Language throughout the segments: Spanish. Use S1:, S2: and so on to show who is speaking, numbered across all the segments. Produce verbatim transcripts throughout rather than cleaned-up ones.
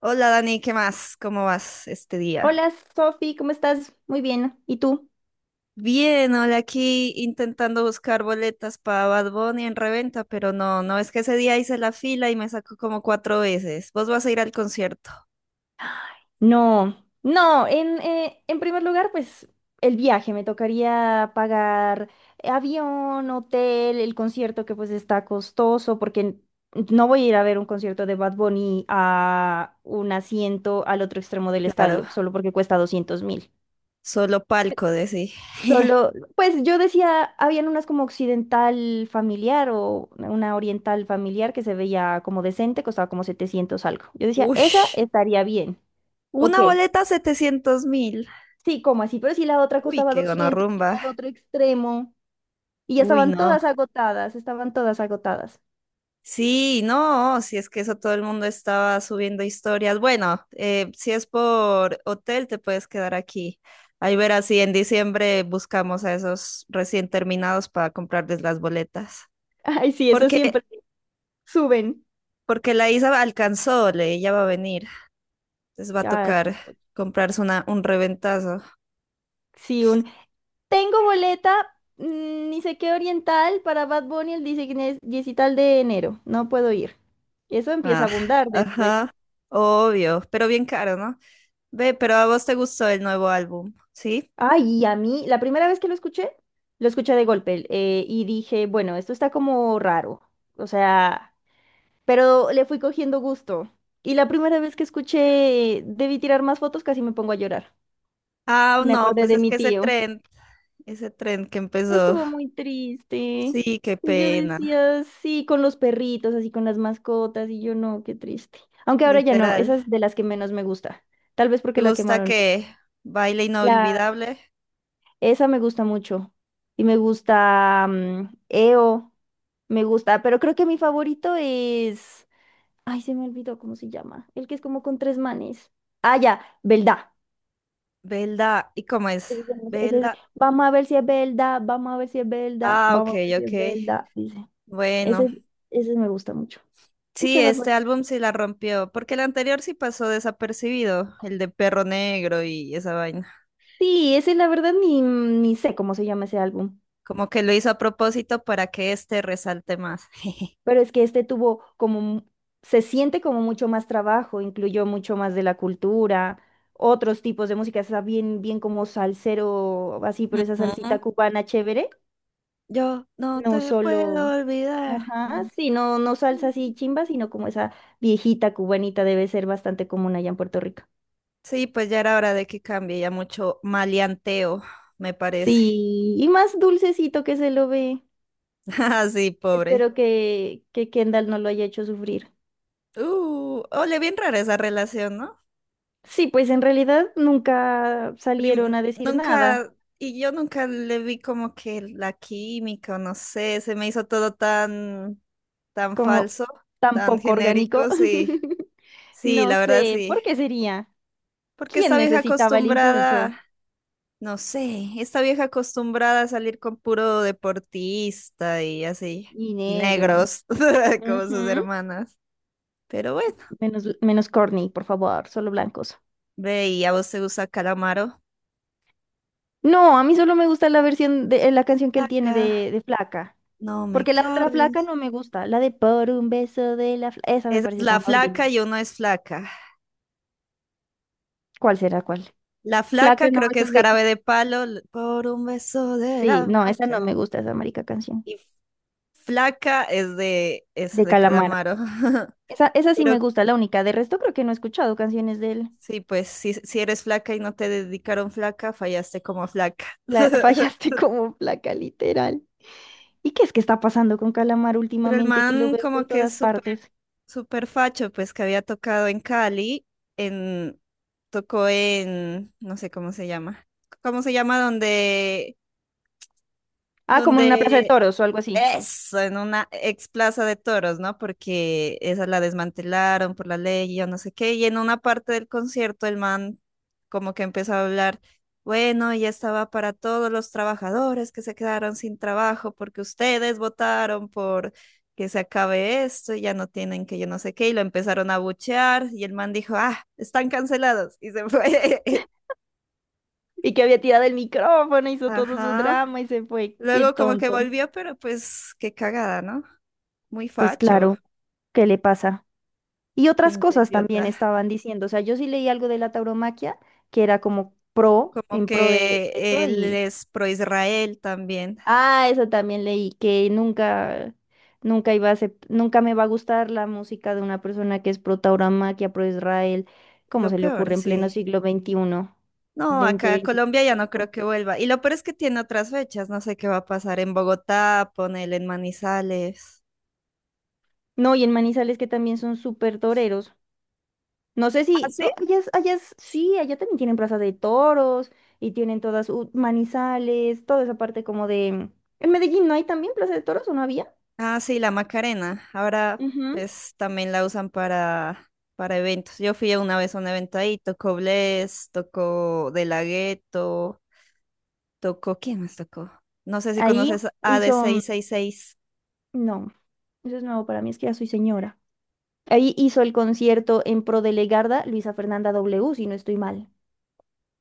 S1: Hola Dani, ¿qué más? ¿Cómo vas este día?
S2: Hola Sofi, ¿cómo estás? Muy bien. ¿Y tú?
S1: Bien, hola aquí intentando buscar boletas para Bad Bunny en reventa, pero no, no es que ese día hice la fila y me sacó como cuatro veces. ¿Vos vas a ir al concierto?
S2: No, no, en, eh, en primer lugar, pues el viaje, me tocaría pagar eh, avión, hotel, el concierto, que pues está costoso, porque n- no voy a ir a ver un concierto de Bad Bunny a un asiento al otro extremo del
S1: Claro,
S2: estadio, solo porque cuesta doscientos mil.
S1: solo palco, decí.
S2: Solo, pues yo decía, habían unas como occidental familiar o una oriental familiar que se veía como decente, costaba como setecientos algo. Yo decía,
S1: Uy,
S2: esa estaría bien. Ok,
S1: una boleta setecientos mil.
S2: sí, como así, pero si la otra
S1: Uy,
S2: costaba
S1: qué
S2: doscientos y era
S1: gonorrumba.
S2: el otro extremo, y ya
S1: Uy,
S2: estaban
S1: no.
S2: todas agotadas, estaban todas agotadas.
S1: Sí, no, si es que eso todo el mundo estaba subiendo historias. Bueno, eh, si es por hotel, te puedes quedar aquí. Ahí verás si en diciembre buscamos a esos recién terminados para comprarles las boletas.
S2: Ay, sí, eso
S1: Porque,
S2: siempre suben.
S1: porque la Isa alcanzó, le, ella va a venir. Les va a
S2: Ah,
S1: tocar comprarse una, un reventazo.
S2: sí, tengo boleta, mm, ni sé qué oriental para Bad Bunny el diecinueve diecital de enero. No puedo ir. Eso empieza a
S1: Ah,
S2: abundar después.
S1: ajá, obvio, pero bien caro, ¿no? Ve, pero a vos te gustó el nuevo álbum, ¿sí?
S2: Ay, y a mí, la primera vez que lo escuché, lo escuché de golpe, eh, y dije, bueno, esto está como raro. O sea, pero le fui cogiendo gusto. Y la primera vez que escuché, eh, debí tirar más fotos, casi me pongo a llorar.
S1: Ah,
S2: Me
S1: no,
S2: acordé
S1: pues
S2: de
S1: es
S2: mi
S1: que ese
S2: tío.
S1: tren, ese tren que empezó.
S2: Estuvo muy triste.
S1: Sí, qué
S2: Y yo
S1: pena,
S2: decía, sí, con los perritos, así con las mascotas, y yo no, qué triste. Aunque ahora ya no,
S1: literal.
S2: esa es de las que menos me gusta. Tal vez
S1: ¿Te
S2: porque la
S1: gusta
S2: quemaron mucho.
S1: que baile
S2: La,
S1: inolvidable?
S2: Esa me gusta mucho. Y me gusta, mm, E O, me gusta, pero creo que mi favorito es... Ay, se me olvidó cómo se llama. El que es como con tres manes. Ah, ya, Belda.
S1: Belda, ¿y cómo es?
S2: Ese es el- ese es-
S1: Belda.
S2: Vamos a ver si es verdad, vamos a ver si es verdad,
S1: Ah, ok,
S2: vamos a ver si
S1: ok.
S2: es verdad, dice.
S1: Bueno,
S2: Ese, ese me gusta mucho.
S1: sí,
S2: Escucha, Bad Bunny.
S1: este álbum sí la rompió, porque el anterior sí pasó desapercibido, el de Perro Negro y esa vaina.
S2: Sí, ese la verdad ni, ni sé cómo se llama ese álbum,
S1: Como que lo hizo a propósito para que este resalte más.
S2: pero es que este tuvo como, mu- se siente como mucho más trabajo, incluyó mucho más de la cultura, otros tipos de música. Está bien, bien como salsero, así, pero esa
S1: Ujú.
S2: salsita cubana chévere.
S1: Yo no
S2: No
S1: te
S2: solo,
S1: puedo olvidar.
S2: ajá,
S1: Mm,
S2: sí, no, no salsa
S1: mm.
S2: así chimba, sino como esa viejita cubanita debe ser bastante común allá en Puerto Rico.
S1: Sí, pues ya era hora de que cambie ya mucho maleanteo, me parece.
S2: Sí, y más dulcecito que se lo ve.
S1: Ah, sí, pobre.
S2: Espero que, que Kendall no lo haya hecho sufrir.
S1: Uh, ole, bien rara esa relación, ¿no?
S2: Sí, pues en realidad nunca salieron
S1: Prim-
S2: a decir nada,
S1: Nunca, y yo nunca le vi como que la química, o no sé, se me hizo todo tan, tan,
S2: como
S1: falso,
S2: tan
S1: tan
S2: poco orgánico.
S1: genérico, sí. Sí,
S2: No
S1: la verdad
S2: sé, ¿por
S1: sí.
S2: qué sería?
S1: Porque
S2: ¿Quién
S1: esta vieja
S2: necesitaba el impulso?
S1: acostumbrada. No sé, esta vieja acostumbrada a salir con puro deportista y así,
S2: Y
S1: y
S2: negro.
S1: negros, como sus
S2: Ujú.
S1: hermanas. Pero bueno,
S2: Menos, menos corny, por favor, solo blancos.
S1: ve y a vos te gusta Calamaro.
S2: No, a mí solo me gusta la versión de, eh, la canción que él tiene
S1: Flaca,
S2: de, de Flaca.
S1: no me
S2: Porque la otra Flaca
S1: claves.
S2: no me gusta. La de por un beso de la Flaca. Esa me
S1: Esa es
S2: parece
S1: la
S2: tan
S1: flaca,
S2: ordinaria.
S1: yo no es flaca.
S2: ¿Cuál será cuál?
S1: La
S2: Flaca
S1: flaca creo que
S2: nomás
S1: es
S2: es de...
S1: jarabe de palo l- por un beso de
S2: Sí,
S1: la
S2: no, esa no
S1: flaca.
S2: me gusta, esa marica canción.
S1: Y flaca es de, es
S2: De
S1: de
S2: Calamaro.
S1: Calamaro.
S2: Esa, esa sí
S1: Pero
S2: me gusta, la única. De resto creo que no he escuchado canciones de él.
S1: sí, pues si, si eres flaca y no te dedicaron flaca, fallaste como flaca.
S2: La, fallaste como Flaca, literal. ¿Y qué es que está pasando con Calamaro
S1: Pero el
S2: últimamente que lo
S1: man
S2: veo por
S1: como que es
S2: todas
S1: súper,
S2: partes?
S1: súper facho, pues que había tocado en Cali, en, tocó en, no sé cómo se llama, ¿cómo se llama? Donde,
S2: Ah, como en una plaza de
S1: donde
S2: toros o algo así.
S1: eso, en una ex plaza de toros, ¿no? Porque esa la desmantelaron por la ley y yo no sé qué. Y en una parte del concierto el man como que empezó a hablar, bueno, ya estaba para todos los trabajadores que se quedaron sin trabajo porque ustedes votaron por que se acabe esto y ya no tienen que yo no sé qué. Y lo empezaron a buchear y el man dijo, ah, están cancelados. Y se fue.
S2: Y que había tirado el micrófono, hizo todo su
S1: Ajá.
S2: drama y se fue. Qué
S1: Luego como que
S2: tonto.
S1: volvió, pero pues qué cagada, ¿no? Muy
S2: Pues
S1: facho.
S2: claro, ¿qué le pasa? Y otras
S1: Pinto
S2: cosas
S1: idiota.
S2: también estaban diciendo. O sea, yo sí leí algo de la tauromaquia, que era como pro,
S1: Como
S2: en pro de
S1: que
S2: de eso
S1: él
S2: y...
S1: es pro Israel también.
S2: Ah, eso también leí, que nunca, nunca iba a acep- nunca me va a gustar la música de una persona que es pro tauromaquia, pro Israel. Cómo
S1: Lo
S2: se le
S1: peor,
S2: ocurre en pleno
S1: sí.
S2: siglo veintiuno,
S1: No,
S2: XXI,
S1: acá a Colombia ya no creo
S2: veinticinco.
S1: que vuelva. Y lo peor es que tiene otras fechas. No sé qué va a pasar en Bogotá, ponele en Manizales.
S2: No, y en Manizales que también son súper toreros. No sé
S1: ¿Ah,
S2: si
S1: sí?
S2: to- allá, es- allá es- sí, allá también tienen plaza de toros y tienen todas, uh, manizales, toda esa parte como de... En Medellín no hay también plaza de toros, ¿o no había?
S1: Ah, sí, la Macarena. Ahora
S2: Ujú.
S1: pues también la usan para, para eventos. Yo fui una vez a un evento ahí, tocó Bless, tocó De La Ghetto, tocó, ¿quién más tocó? No sé si
S2: Ahí
S1: conoces A ad
S2: hizo,
S1: seis.
S2: no, eso es nuevo para mí, es que ya soy señora. Ahí hizo el concierto en pro de Legarda, Luisa Fernanda W, si no estoy mal.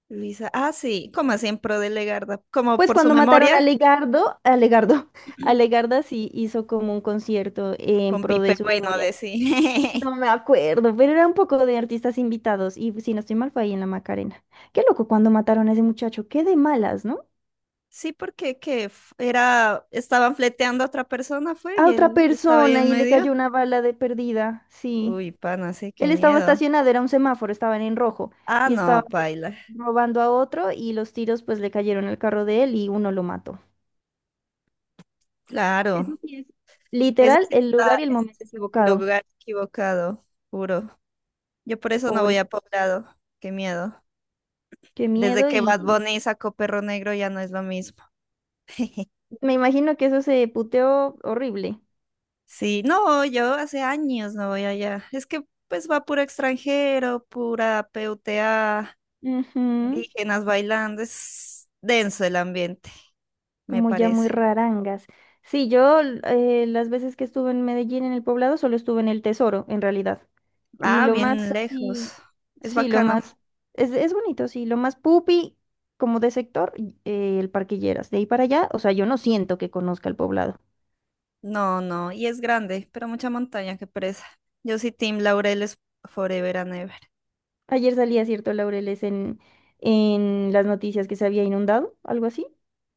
S1: Luisa, ah, sí, como siempre de Legarda, como
S2: Pues
S1: por su
S2: cuando mataron a
S1: memoria,
S2: Legardo, a Legardo, a Legarda sí hizo como un concierto en
S1: con
S2: pro
S1: Pipe
S2: de su
S1: Bueno
S2: memoria.
S1: de sí.
S2: No me acuerdo, pero era un poco de artistas invitados, y si no estoy mal fue ahí en la Macarena. Qué loco cuando mataron a ese muchacho, qué de malas, ¿no?
S1: Sí, porque que f- era, estaban fleteando a otra persona, fue,
S2: A
S1: y
S2: otra
S1: él estaba ahí
S2: persona
S1: en
S2: y le
S1: medio.
S2: cayó una bala de perdida, sí.
S1: Uy, pana, sí, qué
S2: Él estaba
S1: miedo.
S2: estacionado, era un semáforo, estaban en rojo
S1: Ah,
S2: y estaba
S1: no,
S2: pues,
S1: paila.
S2: robando a otro, y los tiros pues le cayeron al carro de él y uno lo mató. Eso
S1: Claro,
S2: sí es
S1: eso
S2: literal
S1: sí
S2: el
S1: está,
S2: lugar y el
S1: está
S2: momento
S1: en el
S2: equivocado.
S1: lugar equivocado, juro. Yo por eso no
S2: Pobre,
S1: voy a poblado, qué miedo.
S2: qué
S1: Desde
S2: miedo,
S1: que Bad
S2: y
S1: Bunny sacó Perro Negro ya no es lo mismo.
S2: me imagino que eso se puteó horrible.
S1: Sí, no, yo hace años no voy allá. Es que pues va puro extranjero, pura puta,
S2: Ujú.
S1: indígenas bailando. Es denso el ambiente, me
S2: Como ya muy
S1: parece.
S2: rarangas. Sí, yo l- eh, las veces que estuve en Medellín, en el poblado, solo estuve en el Tesoro, en realidad. Y
S1: Ah,
S2: lo más
S1: bien lejos.
S2: así,
S1: Es
S2: sí, lo
S1: bacano.
S2: más, es, es bonito, sí, lo más pupi, como de sector, y- eh, el Parquilleras. De ahí para allá, o sea, yo no siento que conozca el poblado.
S1: No, no, y es grande, pero mucha montaña, qué pereza. Yo sí, Team Laureles forever and ever.
S2: Ayer salía, cierto, Laureles, en, en las noticias, que se había inundado, algo así.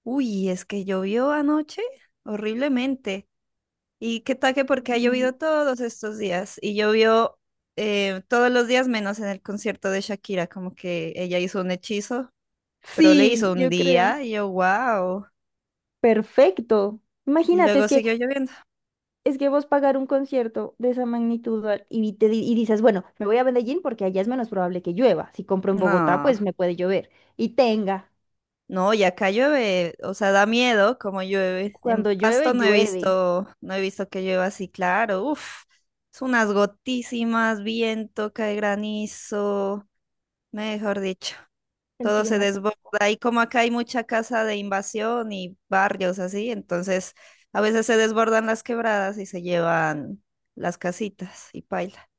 S1: Uy, es que llovió anoche horriblemente. Y qué tal que porque ha
S2: Mm.
S1: llovido todos estos días y llovió eh, todos los días menos en el concierto de Shakira, como que ella hizo un hechizo, pero le
S2: Sí,
S1: hizo un
S2: yo creo.
S1: día y yo, wow,
S2: Perfecto.
S1: y
S2: Imagínate, es
S1: luego
S2: que...
S1: siguió lloviendo.
S2: Es que vos pagar un concierto de esa magnitud, al- y, te, di- y dices, bueno, me voy a Medellín porque allá es menos probable que llueva. Si compro en Bogotá,
S1: No,
S2: pues me puede llover. Y tenga,
S1: no, y acá llueve, o sea, da miedo como llueve. En
S2: cuando llueve,
S1: Pasto no he
S2: llueve.
S1: visto, no he visto que llueva así, claro, uff, es unas gotísimas, viento, cae granizo, mejor dicho.
S2: El
S1: Todo se
S2: clima está...
S1: desborda. Y como acá hay mucha casa de invasión y barrios así, entonces a veces se desbordan las quebradas y se llevan las casitas y paila.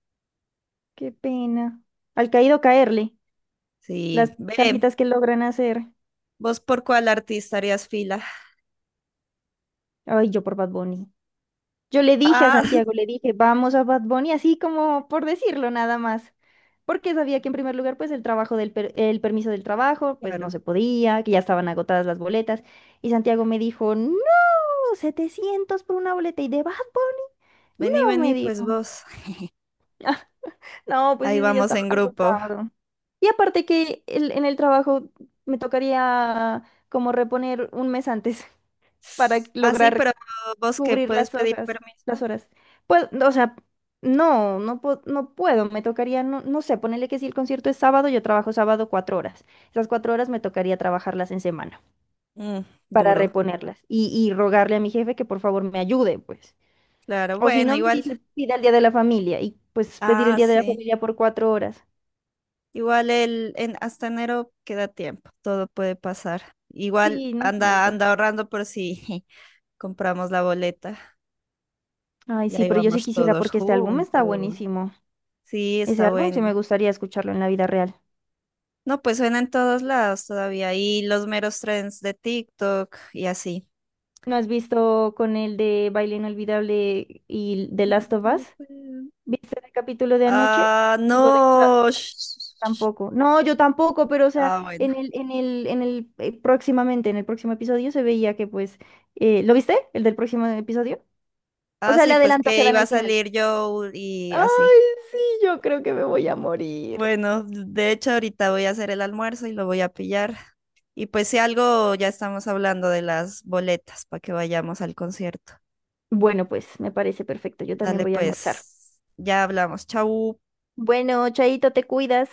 S2: Qué pena. Al caído caerle,
S1: Sí,
S2: las
S1: ve,
S2: casitas que logran hacer.
S1: vos por cuál artista harías fila.
S2: Ay, yo por Bad Bunny. Yo le dije a
S1: Ah,
S2: Santiago, le dije, vamos a Bad Bunny, así como por decirlo nada más. Porque sabía que en primer lugar, pues el trabajo, del per- el permiso del trabajo, pues no
S1: claro.
S2: se podía, que ya estaban agotadas las boletas. Y Santiago me dijo, no. Setecientos por una boleta y de Bad Bunny,
S1: Vení,
S2: no, me
S1: vení, pues
S2: dijo.
S1: vos.
S2: Ah, No, pues sí,
S1: Ahí
S2: eso ya
S1: vamos
S2: estaba
S1: en grupo.
S2: agotado. Y aparte que el- en el trabajo me tocaría como reponer un mes antes para
S1: Ah, sí,
S2: lograr
S1: pero vos que
S2: cubrir
S1: puedes
S2: las
S1: pedir
S2: hojas,
S1: permiso.
S2: las horas. Pues, o sea, no, no, po- no puedo, me tocaría, no, no sé, ponerle que si el concierto es sábado, yo trabajo sábado cuatro horas. Esas cuatro horas me tocaría trabajarlas en semana
S1: Mm,
S2: para
S1: duro.
S2: reponerlas y, y rogarle a mi jefe que por favor me ayude, pues.
S1: Claro,
S2: O si
S1: bueno,
S2: no, me
S1: igual.
S2: dice, pida el día de la familia, y pues pedir el
S1: Ah,
S2: día de la
S1: sí.
S2: familia por cuatro horas.
S1: Igual el, en, hasta enero queda tiempo, todo puede pasar. Igual
S2: Sí, no
S1: anda,
S2: falta.
S1: anda ahorrando por si compramos la boleta,
S2: Ay,
S1: ya
S2: sí, pero yo sí
S1: íbamos
S2: quisiera
S1: todos
S2: porque este álbum está
S1: juntos.
S2: buenísimo.
S1: Sí,
S2: Ese
S1: está
S2: álbum sí
S1: bueno.
S2: me gustaría escucharlo en la vida real.
S1: No, pues suena en todos lados todavía, y los meros trends de TikTok y así.
S2: ¿No has visto con el de Baile Inolvidable y The
S1: No
S2: Last of
S1: te
S2: Us?
S1: puedo-
S2: ¿Viste el capítulo de anoche?
S1: Ah,
S2: Digo, del sa-
S1: no. sh-
S2: tampoco. No, yo tampoco, pero o sea,
S1: Ah, bueno.
S2: en el, en el, en el, eh, próximamente, en el próximo episodio se veía que pues, eh, ¿lo viste? ¿El del próximo episodio? O
S1: Ah,
S2: sea, el
S1: sí, pues
S2: adelanto que
S1: que
S2: dan
S1: iba a
S2: al final.
S1: salir yo y así.
S2: Ay, sí, yo creo que me voy a morir.
S1: Bueno, de hecho ahorita voy a hacer el almuerzo y lo voy a pillar. Y pues si algo ya estamos hablando de las boletas para que vayamos al concierto.
S2: Bueno, pues me parece perfecto. Yo también
S1: Dale
S2: voy a almorzar.
S1: pues, ya hablamos. Chau.
S2: Bueno, Chaito, te cuidas.